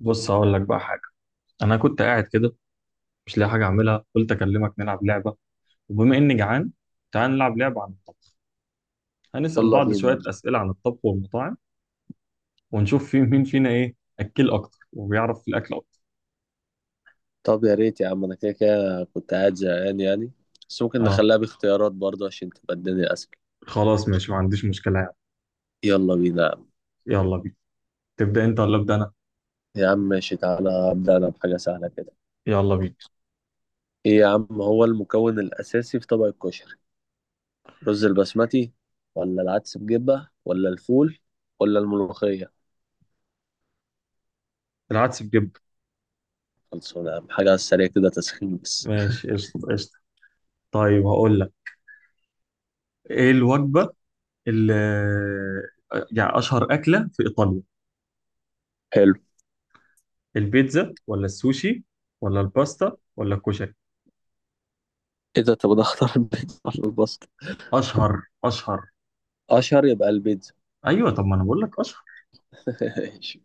بص، هقول لك بقى حاجة. أنا كنت قاعد كده، مش لاقي حاجة أعملها، قلت أكلمك نلعب لعبة. وبما إني جعان، تعال نلعب لعبة عن الطبخ. هنسأل يلا بعض بينا. شوية أسئلة عن الطبخ والمطاعم. ونشوف في مين فينا إيه أكل أكتر، وبيعرف في الأكل أكتر. طب يا ريت يا عم، انا كده كده كنت قاعد زهقان يعني، بس ممكن أه. نخليها باختيارات برضه عشان تبقى الدنيا اسهل. خلاص، ماشي، ما عنديش مشكلة يعني. يلا بينا يا عم. يلا بينا. تبدأ أنت ولا أبدأ أنا؟ يا عم ماشي، تعالى ابدا، انا بحاجه سهله كده. يلا بينا. ايه يا عم، هو المكون الاساسي في طبق الكشري؟ رز البسمتي؟ ولا العدس بجبه؟ ولا الفول؟ ولا الملوخيه؟ العدس بجبن. خلصونا يا عم، حاجه على السريع كده، تسخين بس. ماشي، قشطة، قشطة. طيب، هقول لك، إيه الوجبة اللي يعني أشهر أكلة في إيطاليا؟ حلو. البيتزا، ولا السوشي، ولا الباستا، ولا الكشري؟ ايه ده، طب انا اختار البيتزا ولا الباستا؟ اشهر، اشهر. اشهر يبقى البيتزا. ايوه، طب ما انا بقول لك اشهر. ماشي.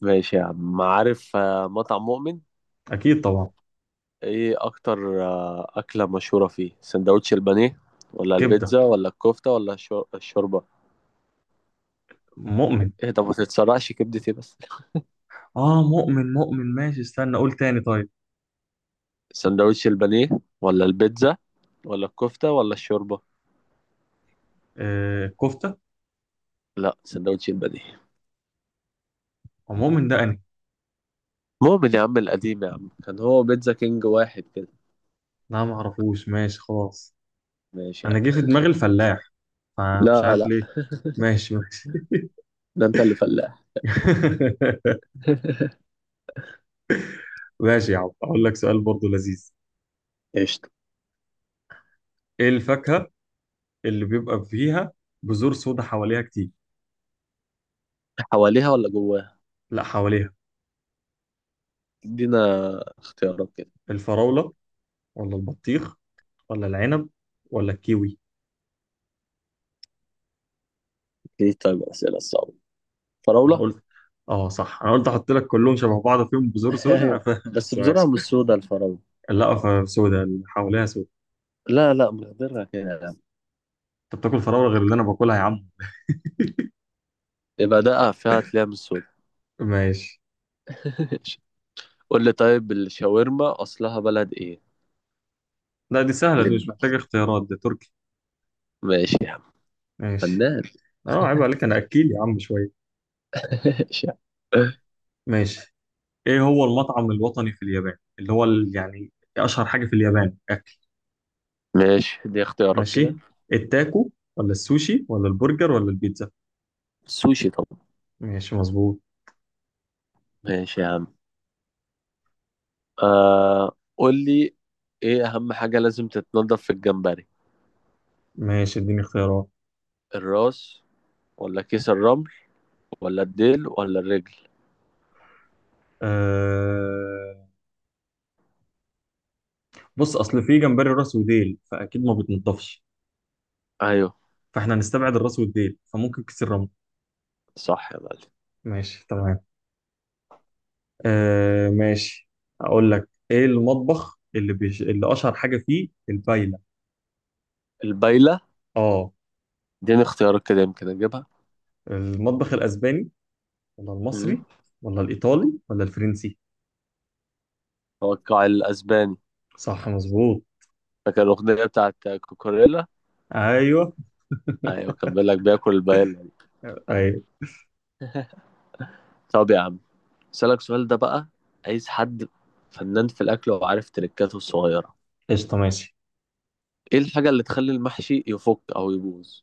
ماشي يا عم، عارف مطعم مؤمن؟ اكيد طبعا. ايه اكتر اكله مشهوره فيه؟ سندوتش البانيه؟ ولا كبده، البيتزا؟ ولا الكفته؟ ولا الشوربه؟ مؤمن. ايه ده، ما تتسرقش كبدتي بس. اه، مؤمن، مؤمن، ماشي، استنى اقول تاني، طيب. سندوتش البانيه ولا البيتزا ولا الكفته ولا الشوربه. آه، كفته. لا، سندوتش البانيه. ومؤمن ده انهي؟ مؤمن يا عم القديم، يا عم كان هو بيتزا كينج، واحد كده. لا، ما اعرفوش، ماشي، خلاص. ماشي يا انا عم. جه في دماغي الفلاح، فمش لا عارف لا، ليه. ماشي، ماشي. ده انت اللي فلاح. ماشي يا عم، اقول لك سؤال برضو لذيذ. قشطه. ايه الفاكهه اللي بيبقى فيها بذور سودا حواليها كتير؟ حواليها ولا جواها؟ لا، حواليها. ادينا اختيارات كده. الفراوله، ولا البطيخ، ولا العنب، ولا الكيوي؟ ايه، طيب الاسئله الصعبه. ما فراوله. قلت. اه صح، انا قلت احط لك كلهم شبه بعض فيهم بذور سودا، ايوه. بس بس بزرعه ماشي. مش سودا الفراوله. لا، سودا اللي حواليها سودا. لا لا، مقدرها كده. انت بتاكل فراوله غير اللي انا باكلها يا عم. يبقى دقة فيها هتلاقيها من السود. ماشي. قول لي، طيب الشاورما أصلها بلد إيه؟ لا دي سهله، دي لب. مش محتاجه اختيارات، دي تركي. ماشي يا عم. ماشي. فنان. اه، عيب عليك، انا اكيل يا عم شويه. ماشي يا عم. ماشي. ايه هو المطعم الوطني في اليابان، اللي هو يعني اشهر حاجه في اليابان اكل؟ ماشي، دي اختيارات كده. ماشي. التاكو، ولا السوشي، ولا البرجر، ولا البيتزا؟ سوشي طبعا. ماشي، مظبوط. ماشي يا عم. آه، قول لي، إيه أهم حاجة لازم تتنضف في الجمبري؟ ماشي، اديني اختيارات. الراس؟ ولا كيس الرمل؟ ولا الديل ولا الرجل؟ آه... بص، اصل في جمبري راس وديل، فاكيد ما بتنضفش. أيوه. فاحنا هنستبعد الراس والديل، فممكن كيس الرمل. صح يا معلم. ماشي، تمام. آه، ماشي. اقول لك، ايه المطبخ اللي اللي اشهر حاجه فيه البايله؟ البايلة. اه. اديني اختيارات كده يمكن أجيبها. المطبخ الاسباني، ولا مم. المصري، ولا الايطالي، ولا الفرنسي؟ هو القاع الأسباني. صح، مظبوط. فاكر الأغنية بتاعت كوكوريلا؟ ايوه. ايوه، كان بيقول لك بياكل البايلا. ايوه. طب يا عم، اسالك سؤال ده بقى. عايز حد فنان في الاكل وعارف تريكاته الصغيره. قشطه، ماشي. ايه الحاجه اللي تخلي المحشي يفك او يبوظ؟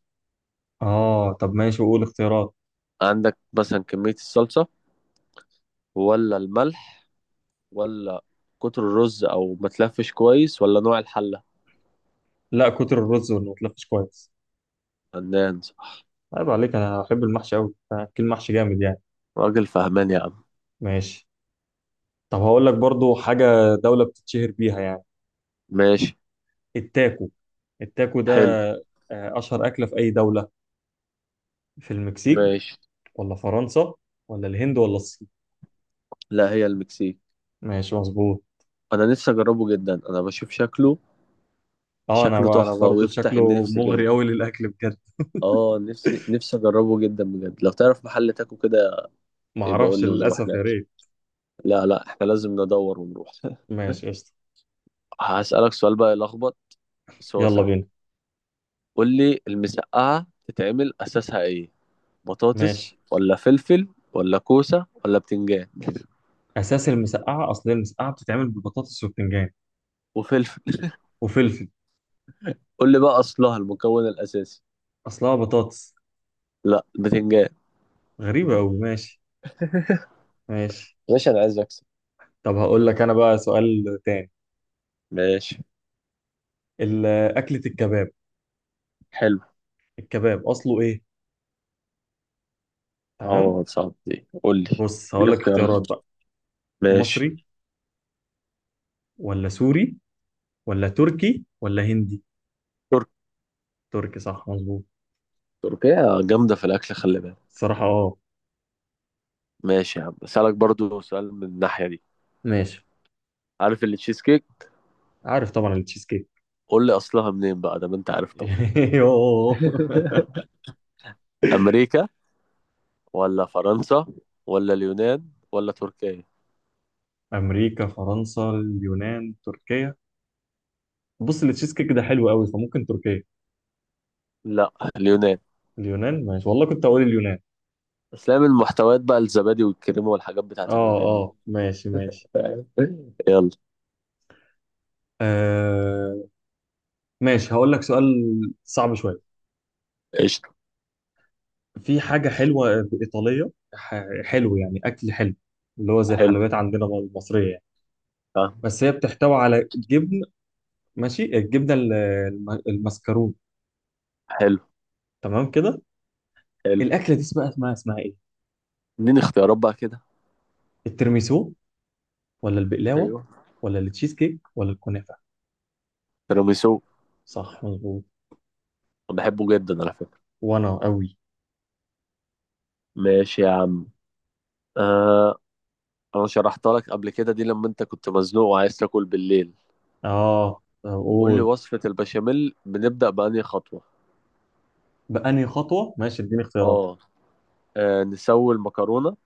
اه طب، ماشي، وقول اختيارات. عندك مثلا كميه الصلصه، ولا الملح، ولا كتر الرز او ما تلفش كويس، ولا نوع الحله؟ لا، كتر الرز واللي ما تلفش كويس. فنان، صح. عيب عليك، انا احب المحشي قوي، اكل محشي جامد يعني. راجل فهمان يا عم. ماشي. طب، هقول لك برضو حاجة. دولة بتتشهر بيها يعني. ماشي. التاكو، التاكو ده. حلو. أشهر أكلة في أي دولة، في المكسيك. ماشي. ولا فرنسا، ولا الهند، ولا الصين؟ لا، هي المكسيك. ماشي، مظبوط. انا نفسي اجربه جدا، انا بشوف شكله. اه، انا شكله بقى انا تحفه برضو ويفتح شكله النفس مغري كده. قوي للاكل بجد. اه، نفسي نفسي اجربه جدا بجد. لو تعرف محل تاكو كده ما يبقى قول اعرفش لي ونروح للاسف، يا ناكل. ريت. لا لا، احنا لازم ندور ونروح. ماشي، قشطه. هسألك سؤال بقى يلخبط، بس هو يلا سهل. بينا. قول لي، المسقعة تتعمل أساسها إيه؟ بطاطس ماشي. ولا فلفل؟ ولا كوسة ولا بتنجان؟ اساس المسقعه، اصل هي المسقعه بتتعمل ببطاطس وبتنجان. وفلفل. وفلفل. قول لي بقى أصلها، المكون الأساسي. اصلها بطاطس. لا، بتنجان. غريبه قوي، ماشي. ماشي. ماشي، أنا عايز أكسب. طب، هقول لك انا بقى سؤال تاني. ماشي. ال- اكله الكباب. حلو. الكباب اصله ايه؟ تمام. أه، صعب دي، قول لي. بص، قول لي هقول لك اختيارات اختيارات. بقى. ماشي. مصري، ولا سوري، ولا تركي، ولا هندي؟ ترك. تركي، صح، مظبوط. تركيا جامدة في الأكل، خلي بالك. الصراحة، اه. ماشي يا عم، اسالك برضو سؤال من الناحيه دي. ماشي. عارف اللي تشيز كيك؟ عارف طبعا التشيز كيك. قول لي اصلها منين بقى، ده ما انت عارف طبعا. يوه. امريكا ولا فرنسا ولا اليونان ولا تركيا؟ امريكا، فرنسا، اليونان، تركيا. بص، التشيز كيك ده حلو قوي، فممكن تركيا. لا، اليونان. اليونان؟ ماشي، والله كنت اقول اليونان. اسلام المحتويات بقى، الزبادي والكريمه والحاجات بتاعت اه، اليونان دي. اه، ماشي، ماشي. يلا. آه، ماشي، هقول لك سؤال صعب شوية. قشطه. في حاجة حلوة إيطالية، حلو يعني، أكل حلو. اللي هو زي حلو. الحلويات عندنا المصرية يعني. آه. بس هي بتحتوي على جبن. ماشي، الجبنة المسكرون. حلو. تمام كده. حلو. الأكلة دي اسمها إيه؟ اديني اختيارات بقى كده. الترميسو، ولا البقلاوة، ايوه، ولا التشيز كيك، ولا الكنافة؟ تيراميسو. صح، مظبوط. أنا بحبه جدا على فكره. وأنا قوي. ماشي يا عم. آه، انا شرحتها لك قبل كده دي، لما انت كنت مزنوق وعايز تاكل بالليل. آه، قول لي أقول. وصفة البشاميل بنبدأ بأنهي خطوة؟ بأنهي خطوة؟ ماشي، اديني اختيارات. اه. نسوي المكرونة؟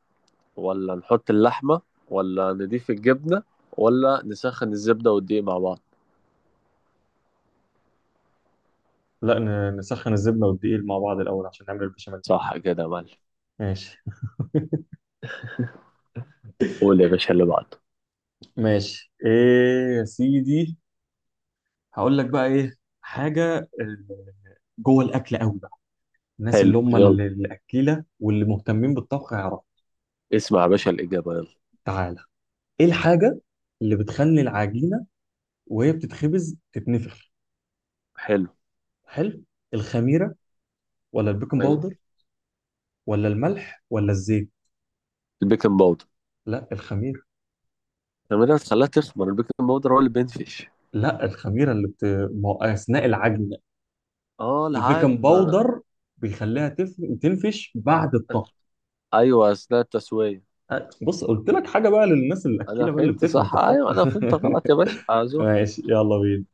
ولا نحط اللحمة؟ ولا نضيف الجبنة؟ ولا نسخن الزبدة والدقيق مع بعض؟ لا، نسخن الزبدة والدقيق مع بعض الأول عشان نعمل البشاميل. صح كده يا معلم. ماشي. قول يا باشا اللي بعده. ماشي، ايه يا سيدي. هقول لك بقى ايه حاجه، جوه الاكل قوي بقى. الناس حلو اللي هم يلا. الاكيله واللي مهتمين بالطبخ هيعرفوا. اسمع يا باشا الإجابة يلا. تعالى. ايه الحاجه اللي بتخلي العجينه وهي بتتخبز تتنفخ؟ حلو. حلو. الخميره، ولا البيكنج ايوه، باودر، ولا الملح، ولا الزيت؟ البيكنج باودر. لا، الخميره. لما ده تخليها تخمر، البيكنج باودر هو اللي بينفش. لا، الخميره اللي بت... ما- اثناء العجن. اه، البيكنج العجن انا. باودر بيخليها تنفش بعد الطبخ. ايوه، اثناء التسوية. أه، بص، قلت لك حاجه بقى للناس انا الاكيله بقى اللي فهمت بتفهم في صح، ايوه انا الطبخ. فهمت غلط يا باشا، اعذر. ماشي، يلا بينا.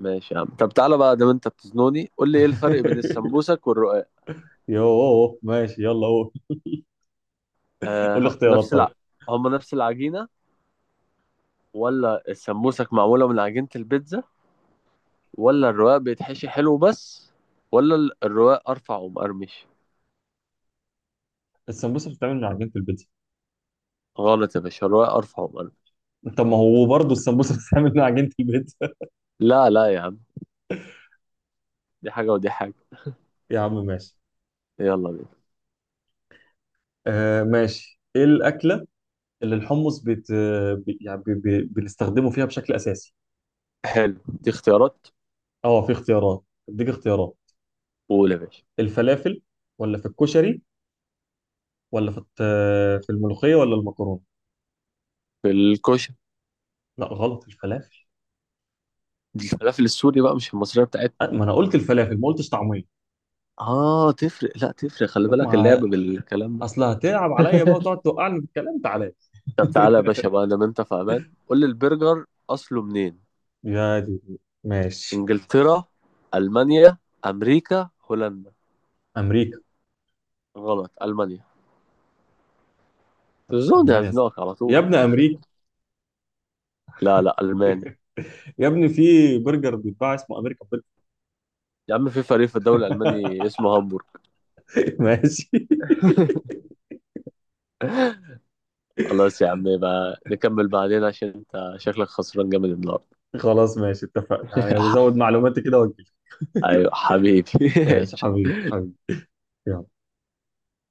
ماشي يا عم. طب تعالى بقى، دام انت بتزنوني، قول لي ايه الفرق بين السمبوسك والرقاق. يوه، ماشي، يلا قول. آه قول لي ه- اختيارات، نفس طيب. الع... هما نفس العجينة؟ ولا السمبوسك معمولة من عجينة البيتزا؟ ولا الرقاق بيتحشي حلو بس؟ ولا الرقاق أرفع ومقرمش؟ السمبوسه بتتعمل من عجينه البيتزا. غلط يا باشا، الرقاق أرفع ومقرمش. طب ما هو برضه السمبوسه بتتعمل من عجينه البيتزا. لا لا يا عم، دي حاجة ودي حاجة. يا عم، ماشي. يلا بينا. آه، ماشي، ايه الاكله اللي الحمص يعني بنستخدمه فيها بشكل اساسي؟ حلو، دي اختيارات. اه، في اختيارات. اديك اختيارات. قول يا باشا. الفلافل، ولا في الكشري، ولا في في الملوخيه، ولا المكرونه؟ في الكشري. لا، غلط، الفلافل. دي الفلافل السوري بقى، مش المصرية بتاعتنا. آه، ما انا قلت الفلافل، ما قلتش طعميه. اه تفرق، لا تفرق، خلي طب بالك اللعب ما، بالكلام ده. اصل هتلعب عليا بقى وتقعد توقعني في الكلام، تعالى. طب تعالى يا باشا بقى، انا انت في امان. قول لي البرجر اصله منين؟ يا دي، ماشي. انجلترا؟ المانيا؟ امريكا؟ هولندا؟ امريكا. غلط، المانيا. تزون المانيا الصراحة. هزنقك على يا طول. ابن امريكا. لا لا، الماني. يا ابني، في برجر بيتباع اسمه امريكا برجر. يا عم في فريق في الدوري الالماني اسمه هامبورغ. ماشي. خلاص يا عم، يبقى نكمل بعدين عشان انت شكلك خسران جامد النهارده. خلاص، ماشي، اتفقنا، هزود معلوماتي كده واجي. ايوه حبيبي. ماشي، حبيبي، حبيبي. يلا.